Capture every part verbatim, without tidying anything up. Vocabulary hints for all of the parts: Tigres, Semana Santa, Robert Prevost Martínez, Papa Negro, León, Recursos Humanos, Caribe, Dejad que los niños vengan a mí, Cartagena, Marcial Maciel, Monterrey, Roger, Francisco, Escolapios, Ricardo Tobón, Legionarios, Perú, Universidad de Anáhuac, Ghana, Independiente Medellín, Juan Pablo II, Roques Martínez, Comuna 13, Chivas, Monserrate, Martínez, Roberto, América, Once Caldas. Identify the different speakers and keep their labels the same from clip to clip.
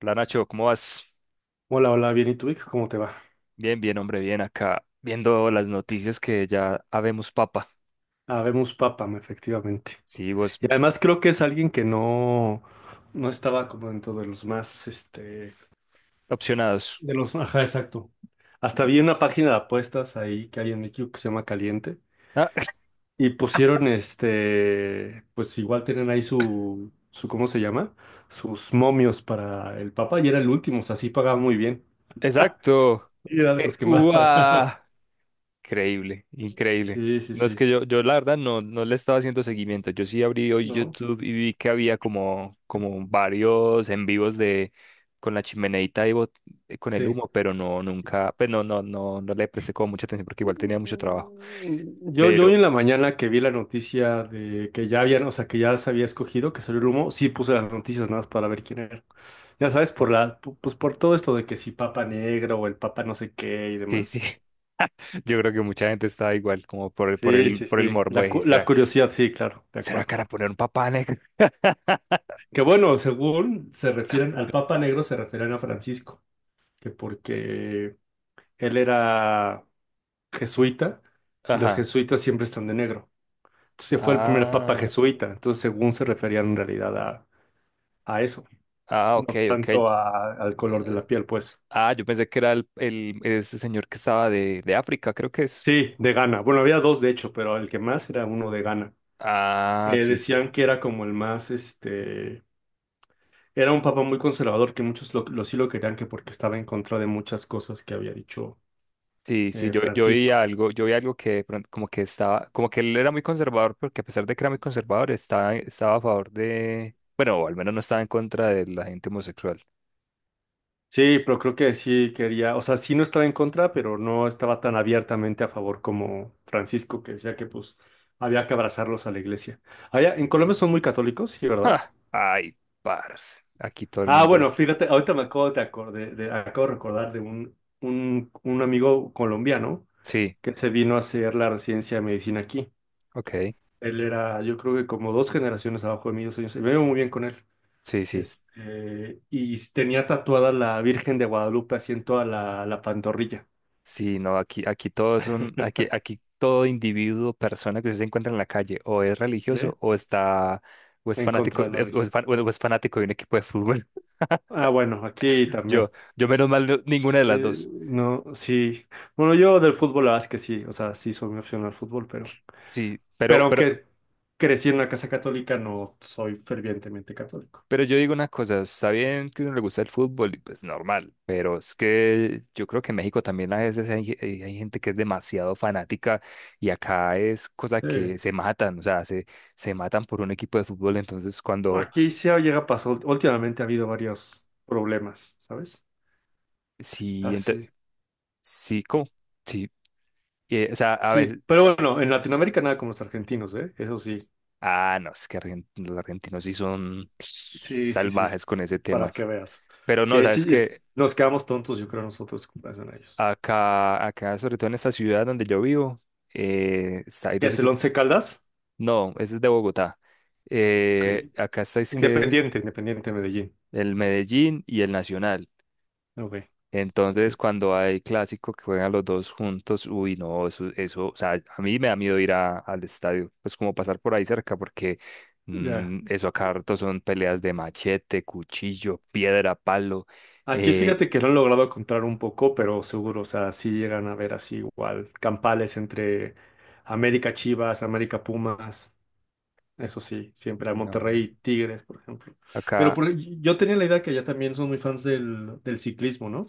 Speaker 1: Hola Nacho, ¿cómo vas?
Speaker 2: Hola, hola, bien, ¿y tú, Vic? ¿Cómo te va?
Speaker 1: Bien, bien, hombre, bien acá, viendo las noticias que ya habemos papa.
Speaker 2: Habemos Papam, efectivamente.
Speaker 1: Sí, vos
Speaker 2: Y además creo que es alguien que no, no estaba como dentro de los más, este,
Speaker 1: opcionados.
Speaker 2: de los, ajá, exacto. Hasta vi una página de apuestas ahí que hay en México que se llama Caliente
Speaker 1: Ah,
Speaker 2: y pusieron, este, pues igual tienen ahí su, su, ¿cómo se llama? Sus momios para el Papa y era el último, o sea, sí pagaba muy bien.
Speaker 1: exacto.
Speaker 2: Y era de
Speaker 1: Eh,
Speaker 2: los que más pagaba.
Speaker 1: ¡Uah! Increíble, increíble.
Speaker 2: Sí, sí,
Speaker 1: No es
Speaker 2: sí,
Speaker 1: que yo, yo la verdad no, no le estaba haciendo seguimiento. Yo sí abrí hoy
Speaker 2: ¿no?
Speaker 1: YouTube y vi que había como, como varios en vivos de con la chimeneita y bot- eh, con el
Speaker 2: Sí.
Speaker 1: humo, pero no, nunca, pues no, no, no, no le presté como mucha atención porque igual tenía mucho trabajo.
Speaker 2: Mm, Yo, yo hoy
Speaker 1: Pero,
Speaker 2: en la mañana que vi la noticia de que ya habían, o sea, que ya se había escogido, que salió el humo, sí puse las noticias nada más para ver quién era. Ya sabes, por la, pu- pues por todo esto de que si Papa Negro o el Papa no sé qué y
Speaker 1: sí, sí.
Speaker 2: demás.
Speaker 1: Yo creo que mucha gente está igual, como por el, por
Speaker 2: Sí,
Speaker 1: el,
Speaker 2: sí,
Speaker 1: por el
Speaker 2: sí.
Speaker 1: morbo
Speaker 2: La,
Speaker 1: de,
Speaker 2: cu- la
Speaker 1: ¿será,
Speaker 2: curiosidad, sí, claro, de
Speaker 1: será
Speaker 2: acuerdo.
Speaker 1: cara poner un papá negro?
Speaker 2: Que bueno, según se refieren al Papa Negro, se refieren a Francisco, que porque él era jesuita y los
Speaker 1: Ajá.
Speaker 2: jesuitas siempre están de negro. Se fue el primer papa
Speaker 1: Ah,
Speaker 2: jesuita, entonces según se referían en realidad a, a eso,
Speaker 1: ah, ok,
Speaker 2: no
Speaker 1: ok.
Speaker 2: tanto a- al color de la piel, pues.
Speaker 1: Ah, yo pensé que era el, el- ese señor que estaba de, de África, creo que es.
Speaker 2: Sí, de Ghana. Bueno, había dos de hecho, pero el que más era uno de Ghana.
Speaker 1: Ah,
Speaker 2: Eh,
Speaker 1: sí,
Speaker 2: decían que era como el más, este, era un papa muy conservador, que muchos lo, lo- sí lo querían, que porque estaba en contra de muchas cosas que había dicho,
Speaker 1: sí, sí.
Speaker 2: eh,
Speaker 1: Yo, yo vi
Speaker 2: Francisco.
Speaker 1: algo, yo vi algo que de pronto como que estaba, como que él era muy conservador, porque a pesar de que era muy conservador, estaba, estaba a favor de, bueno, o al menos no estaba en contra de la gente homosexual.
Speaker 2: Sí, pero creo que sí quería, o sea, sí no estaba en contra, pero no estaba tan abiertamente a favor como Francisco, que decía que pues había que abrazarlos a la iglesia. Allá, en Colombia son muy católicos, sí, ¿verdad?
Speaker 1: Ja, ay, parce. Aquí todo el
Speaker 2: Ah,
Speaker 1: mundo.
Speaker 2: bueno, fíjate, ahorita me acabo de acordé- de- acabo de recordar de un, un, un amigo colombiano
Speaker 1: Sí,
Speaker 2: que se vino a hacer la residencia de medicina aquí.
Speaker 1: ok.
Speaker 2: Él era, yo creo que como dos generaciones abajo de mí, dos años, me veo muy bien con él.
Speaker 1: Sí, sí.
Speaker 2: Este, y tenía tatuada la Virgen de Guadalupe así en toda la, la pantorrilla.
Speaker 1: Sí, no, aquí, aquí todos son, aquí, aquí todo individuo, persona que se encuentra en la calle, o es
Speaker 2: ¿Sí?
Speaker 1: religioso, o está, o es
Speaker 2: En
Speaker 1: fanático,
Speaker 2: contra de la
Speaker 1: eh, o es,
Speaker 2: región.
Speaker 1: fan- o es fanático de un equipo de fútbol.
Speaker 2: Ah, bueno, aquí también.
Speaker 1: Yo, yo menos mal, no- ninguna de las
Speaker 2: Eh,
Speaker 1: dos.
Speaker 2: no, sí. Bueno, yo del fútbol, la verdad es que sí. O sea, sí soy muy aficionado al fútbol, pero.
Speaker 1: Sí,
Speaker 2: Pero
Speaker 1: pero, pero,
Speaker 2: aunque crecí en una casa católica, no soy fervientemente católico.
Speaker 1: Pero yo digo una cosa, está bien que a uno le gusta el fútbol y pues normal, pero es que yo creo que en México también a veces hay, ge- hay- hay gente que es demasiado fanática y acá es cosa
Speaker 2: Sí.
Speaker 1: que se matan, o sea, se, se matan por un equipo de fútbol, entonces cuando,
Speaker 2: Aquí sí ha- llega a pasar. ult- Últimamente ha habido varios problemas, ¿sabes?
Speaker 1: sí,
Speaker 2: Así.
Speaker 1: ente-
Speaker 2: Sí.
Speaker 1: sí, ¿cómo? Sí, eh, o sea, a
Speaker 2: Sí,
Speaker 1: veces,
Speaker 2: pero bueno, en Latinoamérica nada como los argentinos, ¿eh? Eso sí.
Speaker 1: ah, no, es que argen- los argentinos sí son
Speaker 2: Sí, sí, sí.
Speaker 1: salvajes con ese
Speaker 2: Para
Speaker 1: tema,
Speaker 2: que veas.
Speaker 1: pero no,
Speaker 2: Sí,
Speaker 1: sabes
Speaker 2: sí, es-
Speaker 1: que
Speaker 2: nos quedamos tontos, yo creo, nosotros en comparación a ellos.
Speaker 1: acá, acá, sobre todo en esta ciudad donde yo vivo, eh, está- hay
Speaker 2: ¿Qué
Speaker 1: dos
Speaker 2: es el
Speaker 1: equipos.
Speaker 2: Once Caldas?
Speaker 1: No, ese es de Bogotá.
Speaker 2: Ok.
Speaker 1: Eh, acá está es que
Speaker 2: Independiente, Independiente Medellín.
Speaker 1: el Medellín y el Nacional.
Speaker 2: Ok,
Speaker 1: Entonces,
Speaker 2: sí.
Speaker 1: cuando hay clásico que juegan los dos juntos, uy, no, eso, eso, o sea, a mí me da miedo ir a- al estadio, pues como pasar por ahí cerca, porque
Speaker 2: Ya.
Speaker 1: mm, eso acá harto son peleas de machete, cuchillo, piedra, palo.
Speaker 2: Aquí fíjate
Speaker 1: eh,
Speaker 2: que lo han logrado encontrar un poco, pero seguro, o sea, sí llegan a ver así igual campales entre América Chivas, América Pumas, eso sí, siempre a
Speaker 1: no,
Speaker 2: Monterrey Tigres, por ejemplo. Pero
Speaker 1: acá.
Speaker 2: por- yo tenía la idea que allá también son muy fans del, del ciclismo, ¿no?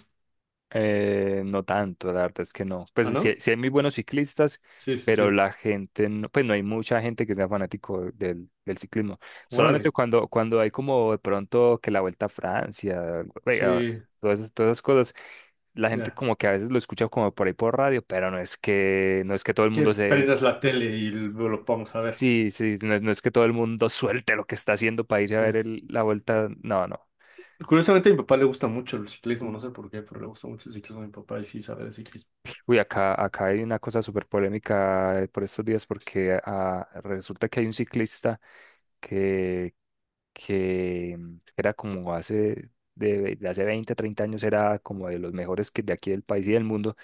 Speaker 1: Eh, no tanto, la verdad es que no. Pues
Speaker 2: ¿Ah,
Speaker 1: sí, hay
Speaker 2: no?
Speaker 1: sí hay muy buenos ciclistas,
Speaker 2: Sí, sí,
Speaker 1: pero
Speaker 2: sí.
Speaker 1: la gente, no, pues no hay mucha gente que sea fanático del, del ciclismo. Solamente
Speaker 2: Órale.
Speaker 1: cuando, cuando hay como de pronto que la Vuelta a Francia, eh, ah,
Speaker 2: Sí,
Speaker 1: todas esas, todas esas cosas, la gente
Speaker 2: ya.
Speaker 1: como que a veces lo escucha como por ahí por radio, pero no es que, no es que todo el
Speaker 2: Que
Speaker 1: mundo se...
Speaker 2: prendas la tele y lo lo vamos a ver.
Speaker 1: Sí, sí, no es, no es que todo el mundo suelte lo que está haciendo para ir a ver el- la Vuelta. No, no.
Speaker 2: Curiosamente, a mi papá le gusta mucho el ciclismo, no sé por qué, pero le gusta mucho el ciclismo a mi papá y sí sabe de ciclismo.
Speaker 1: Uy, acá, acá hay una cosa súper polémica eh, por estos días porque ah, resulta que hay un ciclista que, que mm, era como hace, de, de hace veinte treinta años, era como de los mejores que de aquí del país y del mundo.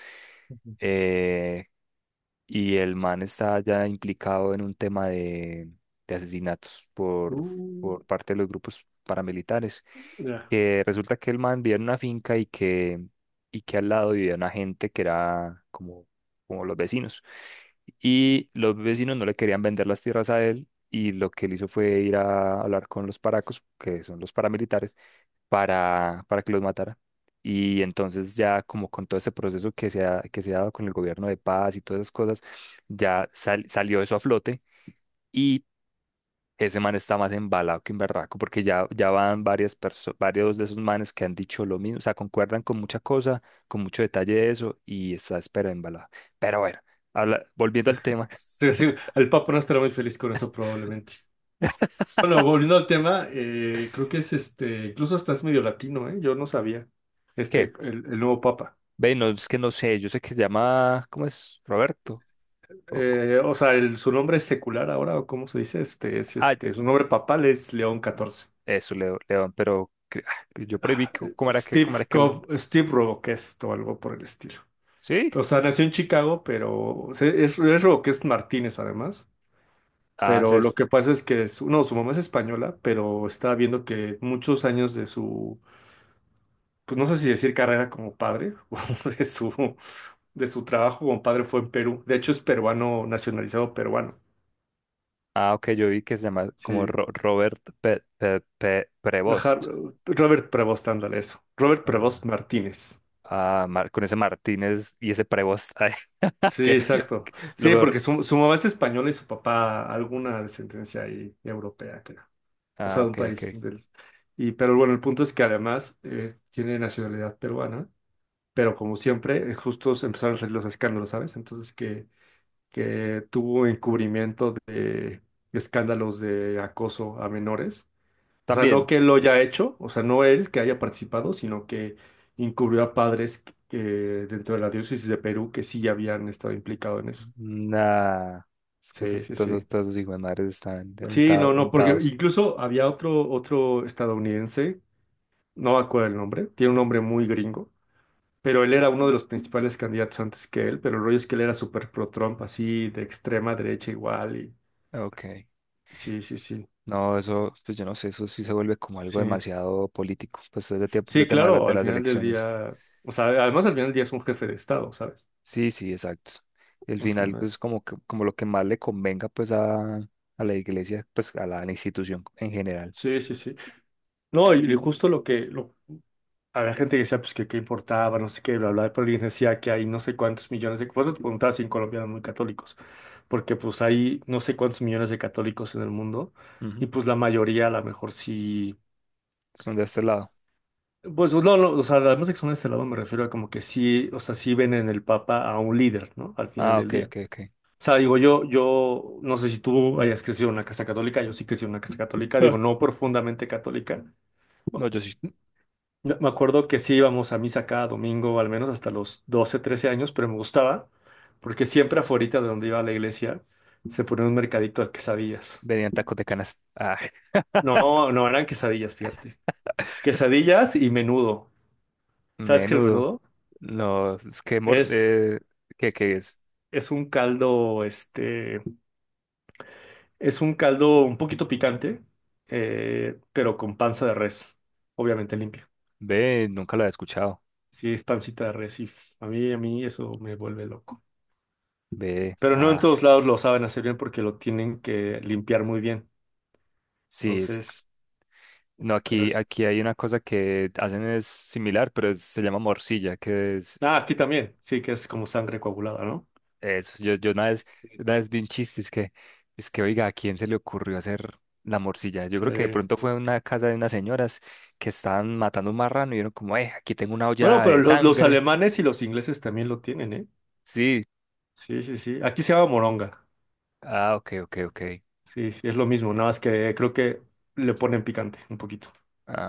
Speaker 2: Ujú.
Speaker 1: eh, y el man está ya implicado en un tema de, de asesinatos por,
Speaker 2: Uh,
Speaker 1: por parte de los grupos paramilitares.
Speaker 2: ya.
Speaker 1: Que resulta que el man vivía en una finca y que, y que al lado vivía una gente que era como, como los vecinos. Y los vecinos no le querían vender las tierras a él. Y lo que él hizo fue ir a hablar con los paracos, que son los paramilitares, para, para que los matara. Y entonces ya como con todo ese proceso que se ha, que se ha dado con el gobierno de paz y todas esas cosas, ya sal- salió eso a flote y ese man está más embalado que un berraco porque ya, ya van varias perso- varios de esos manes que han dicho lo mismo, o sea, concuerdan con mucha cosa, con mucho detalle de eso y está espera embalado. Pero bueno, habla- volviendo al tema,
Speaker 2: Sí, sí, el papá no estará muy feliz con eso probablemente. Bueno, volviendo al tema, eh, creo que es, este, incluso hasta es medio latino, ¿eh? Yo no sabía,
Speaker 1: ¿qué?
Speaker 2: este, el, el nuevo Papa.
Speaker 1: Ve, no, es que no sé, yo sé que se llama, ¿cómo es? Roberto. o-
Speaker 2: Eh, o sea, el- su nombre es secular ahora, o cómo se dice, este, es
Speaker 1: Ah,
Speaker 2: este, su nombre papal es León catorce.
Speaker 1: Eso, Leo- León, pero cre- ah, yo por ahí vi
Speaker 2: Ah,
Speaker 1: co-
Speaker 2: eh,
Speaker 1: cómo era que,
Speaker 2: Steve
Speaker 1: cómo era que León.
Speaker 2: Cov- Steve Roboquest o algo por el estilo.
Speaker 1: ¿Sí?
Speaker 2: O sea, nació en Chicago, pero se- es, es Roques Martínez además.
Speaker 1: Ah,
Speaker 2: Pero
Speaker 1: se-
Speaker 2: lo que pasa es que su, no, su mamá es española, pero está viendo que muchos años de su, pues no sé si decir carrera como padre, o de su, de su, trabajo como padre fue en Perú. De hecho, es peruano, nacionalizado peruano.
Speaker 1: ah, ok, yo vi que se llama como
Speaker 2: Sí.
Speaker 1: Ro- Robert Pe- Pe- Pe-
Speaker 2: Ajá,
Speaker 1: Prevost.
Speaker 2: Robert Prevost, ándale eso. Robert Prevost
Speaker 1: Ah,
Speaker 2: Martínez.
Speaker 1: Ah, Mar- con ese Martínez y ese Prevost. Ay,
Speaker 2: Sí,
Speaker 1: que, que-
Speaker 2: exacto.
Speaker 1: lo
Speaker 2: Sí,
Speaker 1: peor.
Speaker 2: porque su, su mamá es española y su papá alguna descendencia ahí europea, creo. O
Speaker 1: Ah,
Speaker 2: sea, de un
Speaker 1: ok,
Speaker 2: país.
Speaker 1: ok.
Speaker 2: Del- y, pero bueno, el punto es que además eh, tiene nacionalidad peruana, pero como siempre, eh, justo se empezaron a salir los escándalos, ¿sabes? Entonces que, que tuvo encubrimiento de escándalos de acoso a menores. O sea, no
Speaker 1: También.
Speaker 2: que lo haya hecho, o sea, no él que haya participado, sino que encubrió a padres que, dentro de la diócesis de Perú, que sí habían estado implicados en eso.
Speaker 1: Nah, es que
Speaker 2: Sí,
Speaker 1: esos-
Speaker 2: sí,
Speaker 1: todos esos,
Speaker 2: sí.
Speaker 1: todos esos hijos de madres están
Speaker 2: Sí,
Speaker 1: untados,
Speaker 2: no, no, porque
Speaker 1: untados.
Speaker 2: incluso había otro, otro estadounidense, no me acuerdo el nombre, tiene un nombre muy gringo, pero él era uno de los principales candidatos antes que él, pero el rollo es que él era súper pro Trump, así de extrema derecha igual, y
Speaker 1: Ok.
Speaker 2: sí, sí, sí,
Speaker 1: No, eso, pues yo no sé, eso sí se vuelve como algo
Speaker 2: sí,
Speaker 1: demasiado político, pues es ese tie- de
Speaker 2: sí,
Speaker 1: tema de, la-
Speaker 2: claro,
Speaker 1: de
Speaker 2: al
Speaker 1: las
Speaker 2: final del
Speaker 1: elecciones.
Speaker 2: día, o sea, además al final del día es un jefe de Estado, ¿sabes?
Speaker 1: Sí, sí, exacto. Y al
Speaker 2: O sea,
Speaker 1: final,
Speaker 2: no
Speaker 1: pues
Speaker 2: es,
Speaker 1: como, que- como lo que más le convenga pues a, a la iglesia, pues a la, a la institución en general.
Speaker 2: sí, sí, sí, no, y y justo lo que, lo, había gente que decía, pues, que qué importaba, no sé qué, bla, bla, pero alguien decía que hay no sé cuántos millones de... Bueno, te preguntaba si en Colombia eran muy católicos, porque pues hay no sé cuántos millones de católicos en el mundo,
Speaker 1: Ujú.
Speaker 2: y pues la mayoría a lo mejor sí...
Speaker 1: Son de este lado.
Speaker 2: Pues no, no, o sea, además de que son de este lado me refiero a como que sí, o sea, sí ven en el Papa a un líder, ¿no? Al final
Speaker 1: Ah,
Speaker 2: del
Speaker 1: ok,
Speaker 2: día.
Speaker 1: ok, ok.
Speaker 2: O sea, digo, yo, yo no sé si tú hayas crecido en una casa católica, yo sí crecí en una casa católica, digo,
Speaker 1: Ah,
Speaker 2: no profundamente católica.
Speaker 1: no, yo sí.
Speaker 2: Me me acuerdo que sí íbamos a misa cada domingo, al menos hasta los doce, trece años, pero me gustaba porque siempre afuera de donde iba a la iglesia se ponía un mercadito de quesadillas.
Speaker 1: Venían tacos de canasta. Ah,
Speaker 2: No, no eran quesadillas, fíjate. Quesadillas y menudo. ¿Sabes qué es el
Speaker 1: menudo.
Speaker 2: menudo?
Speaker 1: No, es que, mor-
Speaker 2: Es,
Speaker 1: eh, ¿qué, qué es?
Speaker 2: es un caldo, este, es un caldo un poquito picante, eh, pero con panza de res, obviamente limpia.
Speaker 1: Ve, nunca lo había escuchado.
Speaker 2: Sí, es pancita de res y f- a mí, a mí eso me vuelve loco.
Speaker 1: Ve,
Speaker 2: Pero no en
Speaker 1: ah,
Speaker 2: todos lados lo saben hacer bien porque lo tienen que limpiar muy bien.
Speaker 1: sí, es.
Speaker 2: Entonces,
Speaker 1: No,
Speaker 2: pero
Speaker 1: aquí,
Speaker 2: es...
Speaker 1: aquí hay una cosa que hacen es similar, pero es- se llama morcilla, que es
Speaker 2: Ah, aquí también, sí, que es como sangre coagulada, ¿no?
Speaker 1: eso. Yo, yo una vez,
Speaker 2: Sí.
Speaker 1: una vez vi un chiste, es que, es que, oiga, ¿a quién se le ocurrió hacer la morcilla? Yo creo que de
Speaker 2: Sí.
Speaker 1: pronto fue una casa de unas señoras que estaban matando un marrano y vieron como, eh, aquí tengo una
Speaker 2: Bueno,
Speaker 1: olla
Speaker 2: pero
Speaker 1: de
Speaker 2: los, los
Speaker 1: sangre.
Speaker 2: alemanes y los ingleses también lo tienen, ¿eh?
Speaker 1: Sí.
Speaker 2: Sí, sí, sí. Aquí se llama moronga.
Speaker 1: Ah, ok, ok, ok.
Speaker 2: Sí, sí, es lo mismo, nada más que creo que le ponen picante un poquito,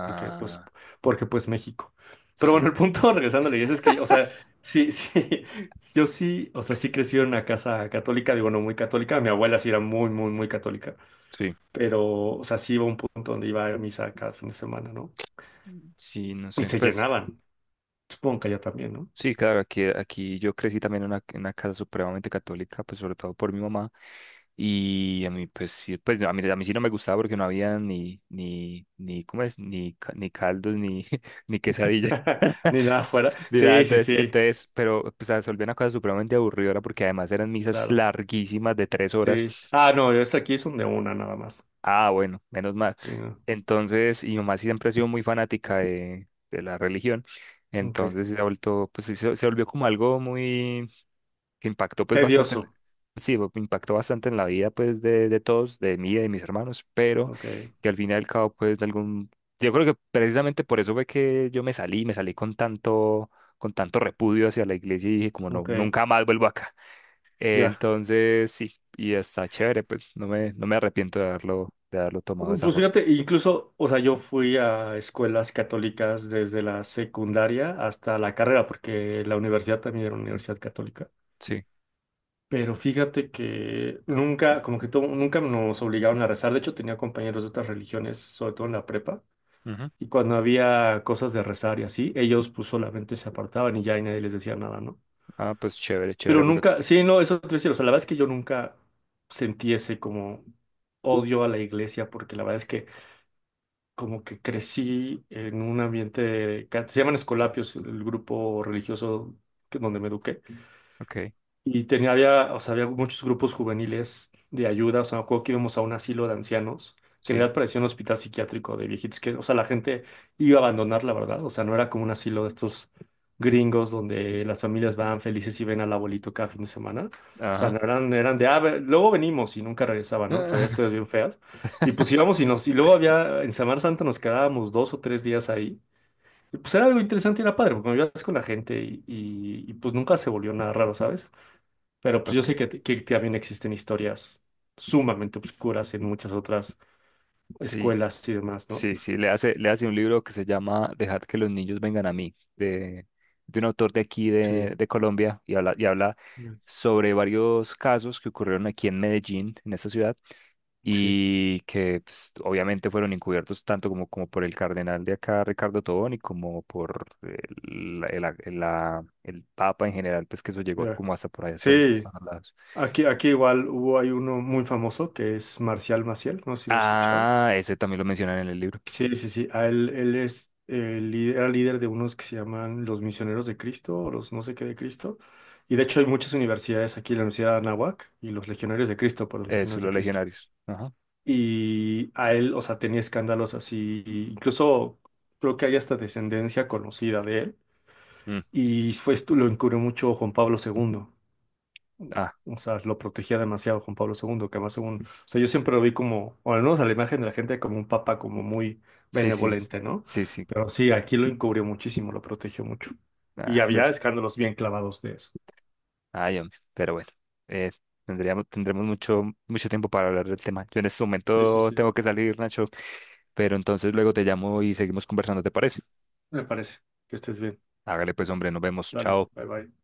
Speaker 2: porque pues, porque pues México. Pero bueno, el
Speaker 1: sí,
Speaker 2: punto, regresando a la iglesia, es que, o sea, sí, sí, yo sí, o sea, sí crecí en una casa católica, digo, no muy católica, mi abuela sí era muy, muy, muy católica.
Speaker 1: sí.
Speaker 2: Pero, o sea, sí iba a un punto donde iba a misa cada fin de semana, ¿no?
Speaker 1: Mm. Sí, no
Speaker 2: Y
Speaker 1: sé,
Speaker 2: se
Speaker 1: pues.
Speaker 2: llenaban, supongo que allá también, ¿no?
Speaker 1: Sí, claro, aquí, aquí yo crecí también en una, en una casa supremamente católica, pues sobre todo por mi mamá. Y a mí, pues sí, pues a mí, a mí sí no me gustaba porque no había ni, ni, ni, ¿cómo es? Ni, ca- ni caldos, ni, ni quesadilla,
Speaker 2: Ni nada fuera.
Speaker 1: ni nada.
Speaker 2: Sí, sí,
Speaker 1: Entonces,
Speaker 2: sí,
Speaker 1: entonces, pero pues se volvió una cosa supremamente aburridora porque además eran misas
Speaker 2: claro,
Speaker 1: larguísimas de tres horas.
Speaker 2: sí. Ah, no, es aquí son de una nada más.
Speaker 1: Ah, bueno, menos mal.
Speaker 2: Sí, no.
Speaker 1: Entonces, y mi mamá siempre ha sido muy fanática de, de la religión.
Speaker 2: Ok.
Speaker 1: Entonces se ha vuelto, pues sí, se, se volvió como algo muy que impactó pues bastante en,
Speaker 2: Tedioso.
Speaker 1: sí, bo- impactó bastante en la vida pues de, de todos, de mí y de mis hermanos, pero
Speaker 2: Ok,
Speaker 1: que al fin y al cabo pues de algún, yo creo que precisamente por eso fue que yo me salí, me salí con tanto, con tanto repudio hacia la iglesia y dije como no,
Speaker 2: ok,
Speaker 1: nunca más vuelvo acá.
Speaker 2: ya.
Speaker 1: Entonces sí, y está chévere, pues no me, no me arrepiento de haberlo, de haberlo tomado de esa
Speaker 2: Pues
Speaker 1: forma.
Speaker 2: fíjate, incluso, o sea, yo fui a escuelas católicas desde la secundaria hasta la carrera, porque la universidad también era una universidad católica.
Speaker 1: Sí.
Speaker 2: Pero fíjate que nunca, como que to- nunca nos obligaron a rezar. De hecho, tenía compañeros de otras religiones, sobre todo en la prepa.
Speaker 1: Ujú.
Speaker 2: Y cuando había cosas de rezar y así, ellos pues solamente se apartaban y ya, y nadie les decía nada, ¿no?
Speaker 1: Ah, pues chévere, chévere,
Speaker 2: Pero
Speaker 1: porque,
Speaker 2: nunca, sí, no, eso te voy a decir. O sea, la verdad es que yo nunca sentí ese como odio a la iglesia, porque la verdad es que como que crecí en un ambiente, ca- se llaman Escolapios, el grupo religioso que- donde me eduqué.
Speaker 1: ok,
Speaker 2: Y tenía, había, o sea, había muchos grupos juveniles de ayuda. O sea, me acuerdo que íbamos a un asilo de ancianos, que en
Speaker 1: sí,
Speaker 2: realidad parecía un hospital psiquiátrico de viejitos, que, o sea, la gente iba a abandonar, la verdad. O sea, no era como un asilo de estos gringos donde las familias van felices y ven al abuelito cada fin de semana. O sea,
Speaker 1: ajá.
Speaker 2: no eran, eran de, ah, ve- luego venimos y nunca regresaban, ¿no? Sabías, historias bien feas. Y pues íbamos y nos, y luego había, en Semana Santa nos quedábamos dos o tres días ahí. Y pues era algo interesante y era padre, porque me ibas con la gente y, y y, pues nunca se volvió nada raro, ¿sabes? Pero pues yo sé
Speaker 1: Ok.
Speaker 2: que, t- que también existen historias sumamente oscuras en muchas otras
Speaker 1: Sí.
Speaker 2: escuelas y demás, ¿no?
Speaker 1: Sí, sí, le hace, le hace un libro que se llama Dejad que los niños vengan a mí, de, de un autor de aquí
Speaker 2: Sí,
Speaker 1: de, de Colombia, y habla, y habla
Speaker 2: bien,
Speaker 1: sobre varios casos que ocurrieron aquí en Medellín, en esta ciudad,
Speaker 2: sí,
Speaker 1: y que pues, obviamente fueron encubiertos tanto como, como por el cardenal de acá, Ricardo Tobón, y como por el, la- el, la- el la- el Papa en general, pues que eso llegó
Speaker 2: ya.
Speaker 1: como hasta por ahí, hasta,
Speaker 2: Sí,
Speaker 1: hasta los lados.
Speaker 2: aquí, aquí igual hubo, hay uno muy famoso que es Marcial Maciel, no sé si lo has escuchado.
Speaker 1: Ah, ese también lo mencionan en el libro,
Speaker 2: Sí, sí, sí, a él, él es, eh, lí- era líder de unos que se llaman los Misioneros de Cristo o los no sé qué de Cristo. Y de hecho hay muchas universidades aquí, la Universidad de Anáhuac y los Legionarios de Cristo, por los
Speaker 1: eso,
Speaker 2: Legionarios de
Speaker 1: los
Speaker 2: Cristo.
Speaker 1: legionarios. Ajá.
Speaker 2: Y a él, o sea, tenía escándalos así, incluso creo que hay hasta descendencia conocida de él.
Speaker 1: Mm.
Speaker 2: Y fue, esto- lo encubrió mucho Juan Pablo segundo.
Speaker 1: Ah,
Speaker 2: O sea, lo protegía demasiado Juan Pablo segundo, que además según, o sea, yo siempre lo vi como, o al menos a la imagen de la gente, como un papa como muy
Speaker 1: sí, sí,
Speaker 2: benevolente, ¿no?
Speaker 1: sí, sí.
Speaker 2: Pero sí, aquí lo encubrió muchísimo, lo protegió mucho. Y
Speaker 1: Ah, sí.
Speaker 2: había escándalos bien clavados de eso.
Speaker 1: Ay, hombre, pero bueno, eh, tendríamos, tendremos mucho, mucho tiempo para hablar del tema. Yo en este
Speaker 2: Sí, sí,
Speaker 1: momento
Speaker 2: sí,
Speaker 1: tengo que salir, Nacho, pero entonces luego te llamo y seguimos conversando, ¿te parece?
Speaker 2: me parece. Que estés bien.
Speaker 1: Hágale pues, hombre, nos vemos.
Speaker 2: Dale,
Speaker 1: Chao.
Speaker 2: bye bye.